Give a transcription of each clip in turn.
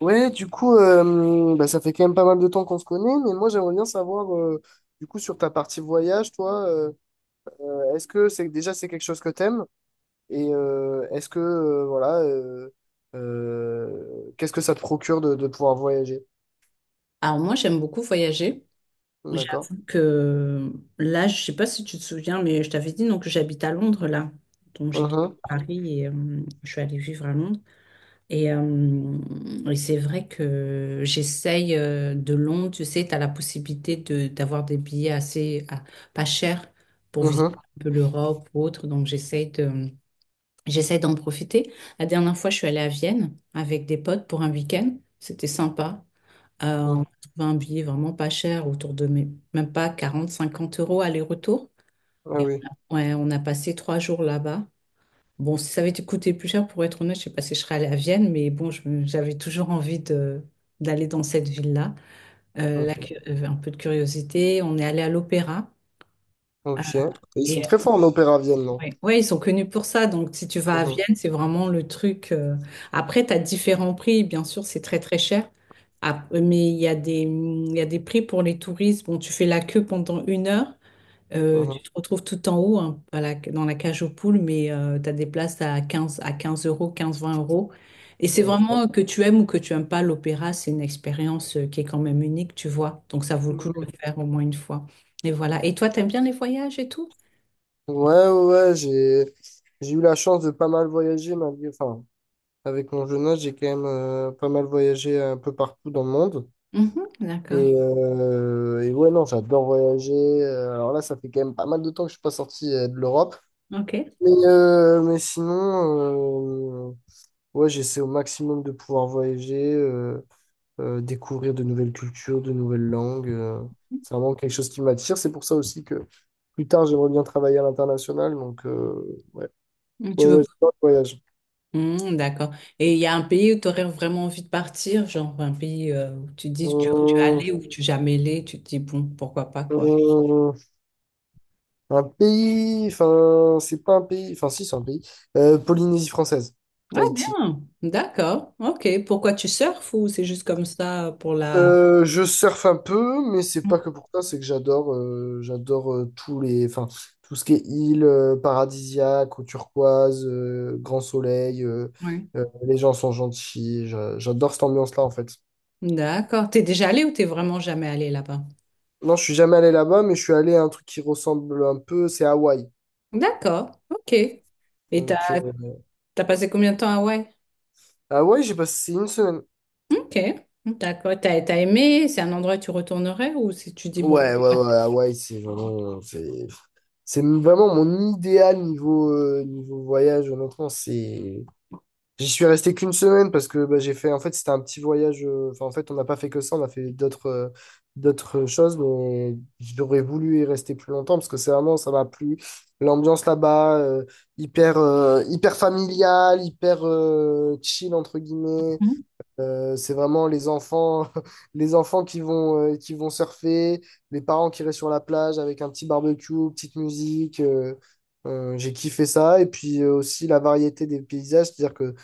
Ouais, du coup, bah, ça fait quand même pas mal de temps qu'on se connaît, mais moi j'aimerais bien savoir, du coup, sur ta partie voyage, toi, est-ce que c'est quelque chose que t'aimes? Et est-ce que, voilà, qu'est-ce que ça te procure de pouvoir voyager? Alors moi, j'aime beaucoup voyager. D'accord. J'avoue que là, je sais pas si tu te souviens, mais je t'avais dit donc que j'habite à Londres là. Donc j'ai quitté Mhm, Paris et je suis allée vivre à Londres. Et, euh, et c'est vrai que j'essaye de Londres, tu sais, tu as la possibilité de d'avoir des billets assez pas chers pour visiter mhm, un peu l'Europe ou autre. Donc j'essaye d'en profiter. La dernière fois, je suis allée à Vienne avec des potes pour un week-end. C'était sympa. On mhm. a trouvé un billet vraiment pas cher, autour de même pas 40-50 euros aller-retour. Ah Et oui. on a, ouais, on a passé 3 jours là-bas. Bon, si ça avait été coûté plus cher, pour être honnête, je sais pas si je serais allée à Vienne, mais bon, j'avais toujours envie d'aller dans cette ville-là. Ok. Un peu de curiosité, on est allé à l'opéra. Ok. Et ils sont très forts en opéra à Vienne, non? Oui, ouais, ils sont connus pour ça. Donc, si tu vas à Mhm, Vienne, c'est vraiment le truc. Après, tu as différents prix. Bien sûr, c'est très, très cher. Ah, mais il y a des prix pour les touristes. Bon, tu fais la queue pendant une heure. Mhm. Tu te retrouves tout en haut, hein, dans la cage aux poules, mais tu as des places à 15 euros, 15-20 euros. Et c'est Ok. vraiment que tu aimes ou que tu aimes pas l'opéra, c'est une expérience qui est quand même unique, tu vois. Donc, ça vaut le coup de Mhm. le faire au moins une fois. Et voilà. Et toi, t'aimes bien les voyages et tout? Ouais, ouais, ouais, j'ai eu la chance de pas mal voyager malgré, enfin. Avec mon jeune âge, j'ai quand même pas mal voyagé un peu partout dans le monde. Mhm, d'accord. Et ouais, non, j'adore voyager. Alors là, ça fait quand même pas mal de temps que je suis pas sorti de l'Europe. Ok. Mais sinon, ouais, j'essaie au maximum de pouvoir voyager, découvrir de nouvelles cultures, de nouvelles langues. C'est vraiment quelque chose qui m'attire. C'est pour ça aussi que plus tard, j'aimerais bien travailler à l'international. Donc, ouais, ouais, Tu veux... ouais, j'adore le voyage. Mm, d'accord. Et il y a un pays où tu aurais vraiment envie de partir, genre un pays où tu dis tu es Hum, allé ou tu es jamais allé, tu te dis bon, pourquoi pas quoi. hum. Un pays, enfin, c'est pas un pays, enfin, si, c'est un pays. Polynésie française, Ah Tahiti. bien, d'accord, ok. Pourquoi tu surfes ou c'est juste comme ça pour la... Je surfe un peu, mais c'est Mm, pas que pour ça, c'est que j'adore tous les, enfin, tout ce qui est île paradisiaque, eau turquoise, grand soleil, ouais. Les gens sont gentils, j'adore cette ambiance-là en fait. D'accord. T'es déjà allé ou t'es vraiment jamais allé là-bas? Non, je suis jamais allé là-bas, mais je suis allé à un truc qui ressemble un peu, c'est Hawaï. D'accord, ok. Et t'as Donc, t'as passé combien de temps à Hawaï? Hawaï, j'ai passé une semaine. Ok, d'accord. T'as aimé? C'est un endroit où tu retournerais ou si tu dis bon... Ouais, ouais, Ouais. ouais, Hawaï, c'est vraiment, c'est vraiment mon idéal niveau, niveau voyage, honnêtement. C'est... J'y suis resté qu'une semaine parce que bah, j'ai fait. En fait, c'était un petit voyage. Enfin, en fait, on n'a pas fait que ça, on a fait d'autres d'autres choses, mais j'aurais voulu y rester plus longtemps parce que c'est vraiment, ça m'a plu. L'ambiance là-bas, hyper, hyper familiale, hyper chill, entre guillemets. Mm, C'est vraiment les enfants, les enfants qui vont surfer, les parents qui restent sur la plage avec un petit barbecue, petite musique. J'ai kiffé ça. Et puis aussi la variété des paysages, c'est-à-dire que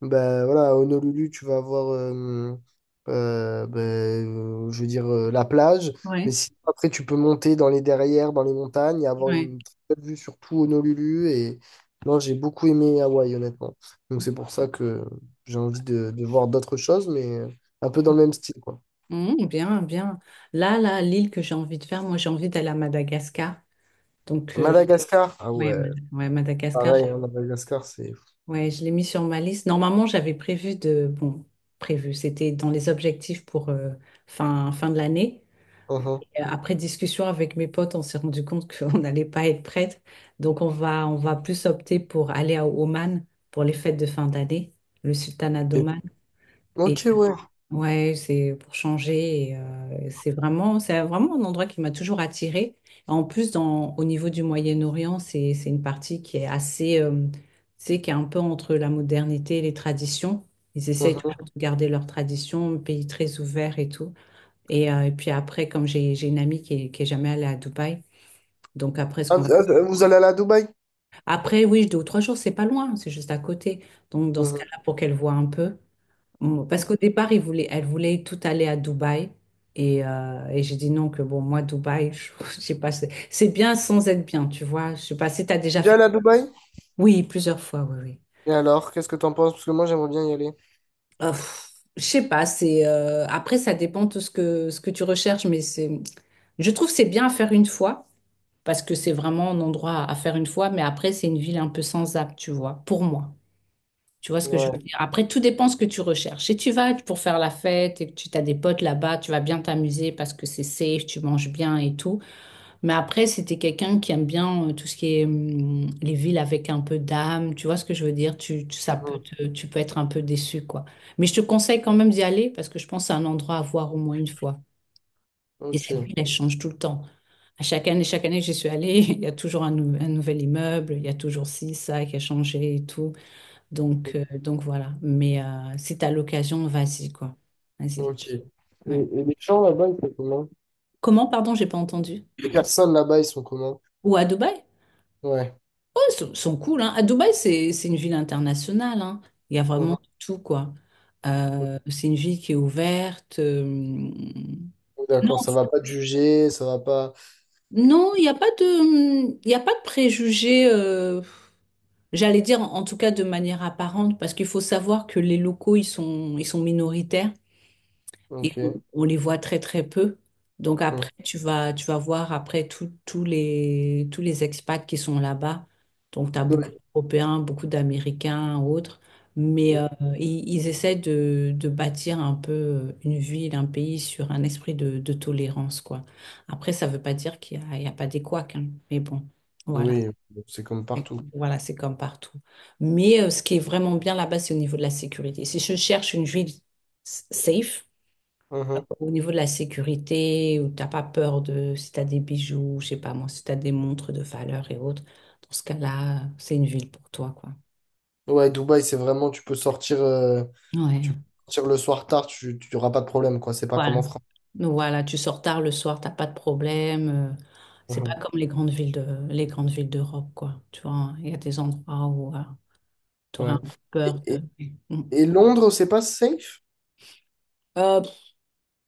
bah, voilà, à Honolulu, tu vas avoir, bah, je veux dire, la plage. Mais ouais, si après, tu peux monter dans les derrières, dans les montagnes et avoir ouais. une très belle vue sur tout Honolulu. Et non, j'ai beaucoup aimé Hawaï, honnêtement. Donc c'est pour ça que j'ai envie de voir d'autres choses, mais un peu dans le même style, quoi. Mmh, bien, bien. Là, là, l'île que j'ai envie de faire, moi, j'ai envie d'aller à Madagascar. Donc, Madagascar. Ah ouais, ouais, ouais, Madagascar, pareil, hein, Madagascar, c'est... ouais, je l'ai mis sur ma liste. Normalement, j'avais prévu de... Bon, prévu, c'était dans les objectifs pour fin de l'année. Mhm. Et après discussion avec mes potes, on s'est rendu compte qu'on n'allait pas être prête. Donc, on va plus opter pour aller à Oman pour les fêtes de fin d'année, le sultanat Ok, d'Oman. Et, ok, ouais. ouais, c'est pour changer. C'est vraiment, c'est vraiment un endroit qui m'a toujours attirée. En plus, au niveau du Moyen-Orient, c'est une partie qui est assez, c'est qui est un peu entre la modernité et les traditions. Ils essayent Mhm. toujours de garder leurs traditions, un pays très ouvert et tout. Et puis après, comme j'ai une amie qui est jamais allée à Dubaï, donc après, ce Ah, qu'on va... vous allez aller à Dubaï? Après, oui, 2 ou 3 jours, c'est pas loin, c'est juste à côté. Donc dans ce Mhm. cas-là, pour qu'elle voit un peu. Bon, parce qu'au départ, il voulait, elle voulait tout aller à Dubaï. Et j'ai dit non, que bon, moi, Dubaï, je, je sais pas, c'est bien sans être bien, tu vois. Je sais pas si tu as déjà Déjà fait. allé à Dubaï? Oui, plusieurs fois, oui, oui. Et alors, qu'est-ce que t'en penses? Parce que moi, j'aimerais bien y aller. Je sais pas, c'est après, ça dépend de ce que tu recherches, mais c'est, je trouve que c'est bien à faire une fois, parce que c'est vraiment un endroit à faire une fois, mais après, c'est une ville un peu sans âme, tu vois, pour moi. Tu vois ce que je veux Ouais. dire? Après, tout dépend ce que tu recherches. Si tu vas pour faire la fête et que tu as des potes là-bas, tu vas bien t'amuser parce que c'est safe, tu manges bien et tout. Mais après, si t'es quelqu'un qui aime bien tout ce qui est les villes avec un peu d'âme, tu vois ce que je veux dire? Ça peut Mhm. Tu peux être un peu déçu, quoi. Mais je te conseille quand même d'y aller parce que je pense que c'est un endroit à voir au moins une fois. Et cette ville, Ok. elle change tout le temps. À chaque année que j'y suis allée, il y a toujours un nouvel immeuble, il y a toujours ci, ça qui a changé et tout. Donc voilà. Mais si t'as l'occasion, vas-y, quoi. Vas-y. Ok. Ouais. Et les gens là-bas, ils sont comment? Comment, pardon, j'ai pas entendu? Les personnes là-bas, ils sont comment? Ou à Dubaï? Ouais. Oh, ils sont cool, hein. À Dubaï, c'est une ville internationale, hein. Il y a vraiment Mhm. tout, quoi. C'est une ville qui est ouverte. D'accord, Non, ça va pas te juger, ça va pas. non, il y a pas de préjugés, j'allais dire en tout cas de manière apparente, parce qu'il faut savoir que les locaux, ils sont minoritaires. Et on, Ok. on les voit très très peu. Donc après, Mhm. tu vas voir après tous les expats qui sont là-bas. Donc tu as Oui, beaucoup d'Européens, beaucoup d'Américains, autres. Mais mhm. Ils essaient de bâtir un peu une ville, un pays sur un esprit de tolérance, quoi. Après, ça ne veut pas dire il y a pas des couacs, hein. Mais bon, voilà. Oui, c'est comme Mais partout. voilà, c'est comme partout. Mais ce qui est vraiment bien là-bas, c'est au niveau de la sécurité. Si je cherche une ville safe, Mhm. au niveau de la sécurité, où t'as pas peur de si t'as des bijoux, je sais pas moi, si t'as des montres de valeur et autres, dans ce cas-là, c'est une ville pour toi, quoi. Ouais, Dubaï, c'est vraiment, tu Ouais. peux sortir le soir tard, tu n'auras pas de problème, quoi. C'est pas comme Voilà. en France. Donc voilà, tu sors tard le soir, t'as pas de problème. C'est pas Mhm. comme les grandes villes d'Europe, quoi. Tu vois, il y a des endroits où tu aurais Ouais. un peu Et, peur et- de. Mm. et Londres, c'est pas safe? Euh,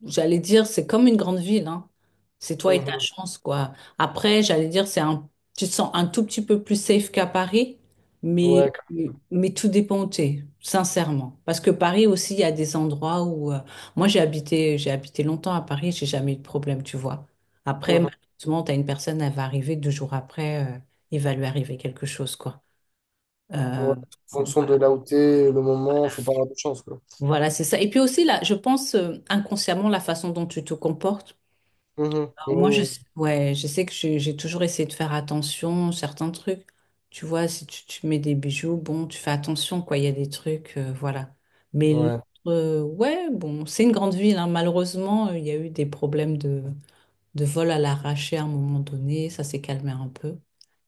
J'allais dire, c'est comme une grande ville, hein. C'est toi et ta Mhm. chance, quoi. Après, j'allais dire, tu te sens un tout petit peu plus safe qu'à Paris, Ouais. mais, mais, tout dépend où t'es, sincèrement. Parce que Paris aussi, il y a des endroits où, moi, j'ai habité longtemps à Paris, j'ai jamais eu de problème, tu vois. Après, Mhm. malheureusement, t'as une personne, elle va arriver 2 jours après, il va lui arriver quelque chose, quoi. Ouais. Euh, En bon, fonction voilà, de là où t'es, le moment, faut pas avoir de chance, quoi. voilà, c'est ça. Et puis aussi, là, je pense, inconsciemment, la façon dont tu te comportes. Mhm. Moi, Oui. Ouais, je sais que j'ai toujours essayé de faire attention, certains trucs. Tu vois, si tu mets des bijoux, bon, tu fais attention, quoi. Il y a des trucs, voilà. Mais l'autre, Ouais. Ouais, bon, c'est une grande ville, hein. Malheureusement, il y a eu des problèmes de vol à l'arraché à un moment donné. Ça s'est calmé un peu.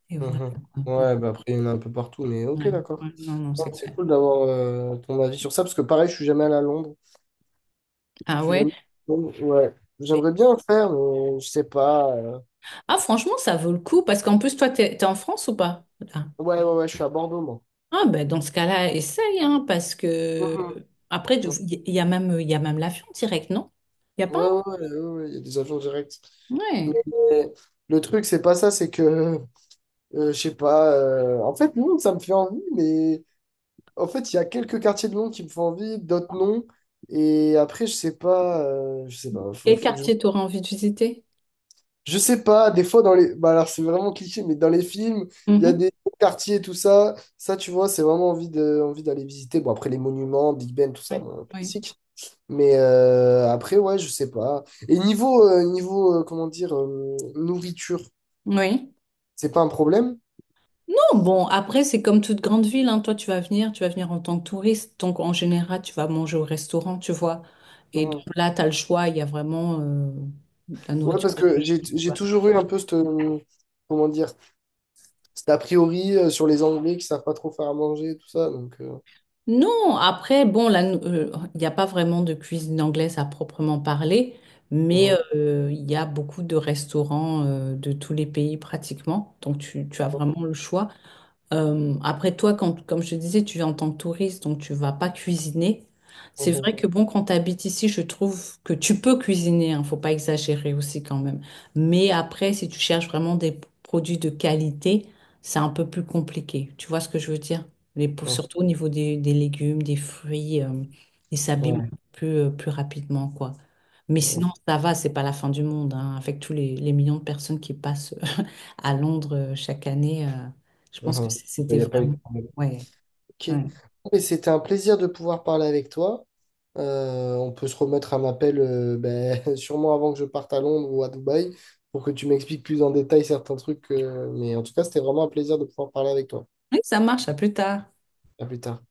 Et voilà, Mhm. quoi. Ouais, Ouais, bah après, il y en a un peu partout, mais ok, ouais, d'accord. ouais. Non, non, Non, c'est c'est clair. cool d'avoir ton avis sur ça, parce que pareil, je suis jamais allé à Londres. Je Ah suis jamais... ouais. allé à Londres, ouais. Et- J'aimerais bien le faire, mais je sais pas. Ah, franchement, ça vaut le coup parce qu'en plus, toi, t'es en France ou pas? Ouais, ouais, ouais, je suis à Bordeaux, moi. Ah ben dans ce cas-là, essaye, hein, parce que après, Mhm. Il y a même, il y a même l'avion direct, non? Il n'y a pas Ouais, ouais, ouais, ouais, ouais, il y a des agents directs. un- Mais Ouais. euh, le truc, c'est pas ça, c'est que, je sais pas, en fait, Londres, ça me fait envie, mais en fait, il y a quelques quartiers de Londres qui me font envie, d'autres non. Et après, je sais pas, Quel faut que quartier t'auras envie de visiter? je sais pas, des fois, dans les. Bah, alors, c'est vraiment cliché, mais dans les films, il y a Mhm. des quartiers, tout ça. Ça, tu vois, c'est vraiment envie de... envie d'aller visiter. Bon, après, les monuments, Big Ben, tout ça, Oui, bon, oui. classique. Mais après, ouais, je sais pas. Et niveau, niveau comment dire, nourriture, Oui. c'est pas un problème? Non, bon, après, c'est comme toute grande ville, hein. Toi, tu vas venir en tant que touriste. Donc, en général, tu vas manger au restaurant, tu vois. Et donc Mhm. là, tu as le choix, il y a vraiment la Ouais, nourriture parce de tout que j'ai le j'ai monde. toujours eu un peu cette, comment dire, cet a priori sur les Anglais qui savent pas trop faire à manger et tout ça. Donc, Non, après, bon, là, il n'y a pas vraiment de cuisine anglaise à proprement parler, mais mhm, il y a beaucoup de restaurants de tous les pays pratiquement, donc tu as vraiment le choix. Après toi, comme je te disais, tu es en tant que touriste, donc tu vas pas cuisiner. C'est mhm, vrai que bon, quand tu habites ici, je trouve que tu peux cuisiner, hein, faut pas exagérer aussi quand même. Mais après, si tu cherches vraiment des produits de qualité, c'est un peu plus compliqué. Tu vois ce que je veux dire? Surtout au niveau des légumes, des fruits, ils s'abîment mhm, plus rapidement, quoi. Mais ouais, sinon, ça va, c'est pas la fin du monde, hein, avec tous les millions de personnes qui passent à Londres chaque année. Je mhm, pense que mhm. Il c'était n'y a pas eu vraiment... de problème. Ouais. Ok. Ouais. Mais c'était un plaisir de pouvoir parler avec toi. On peut se remettre un appel ben, sûrement avant que je parte à Londres ou à Dubaï pour que tu m'expliques plus en détail certains trucs. Mais en tout cas, c'était vraiment un plaisir de pouvoir parler avec toi. Oui, ça marche, à plus tard. À plus tard.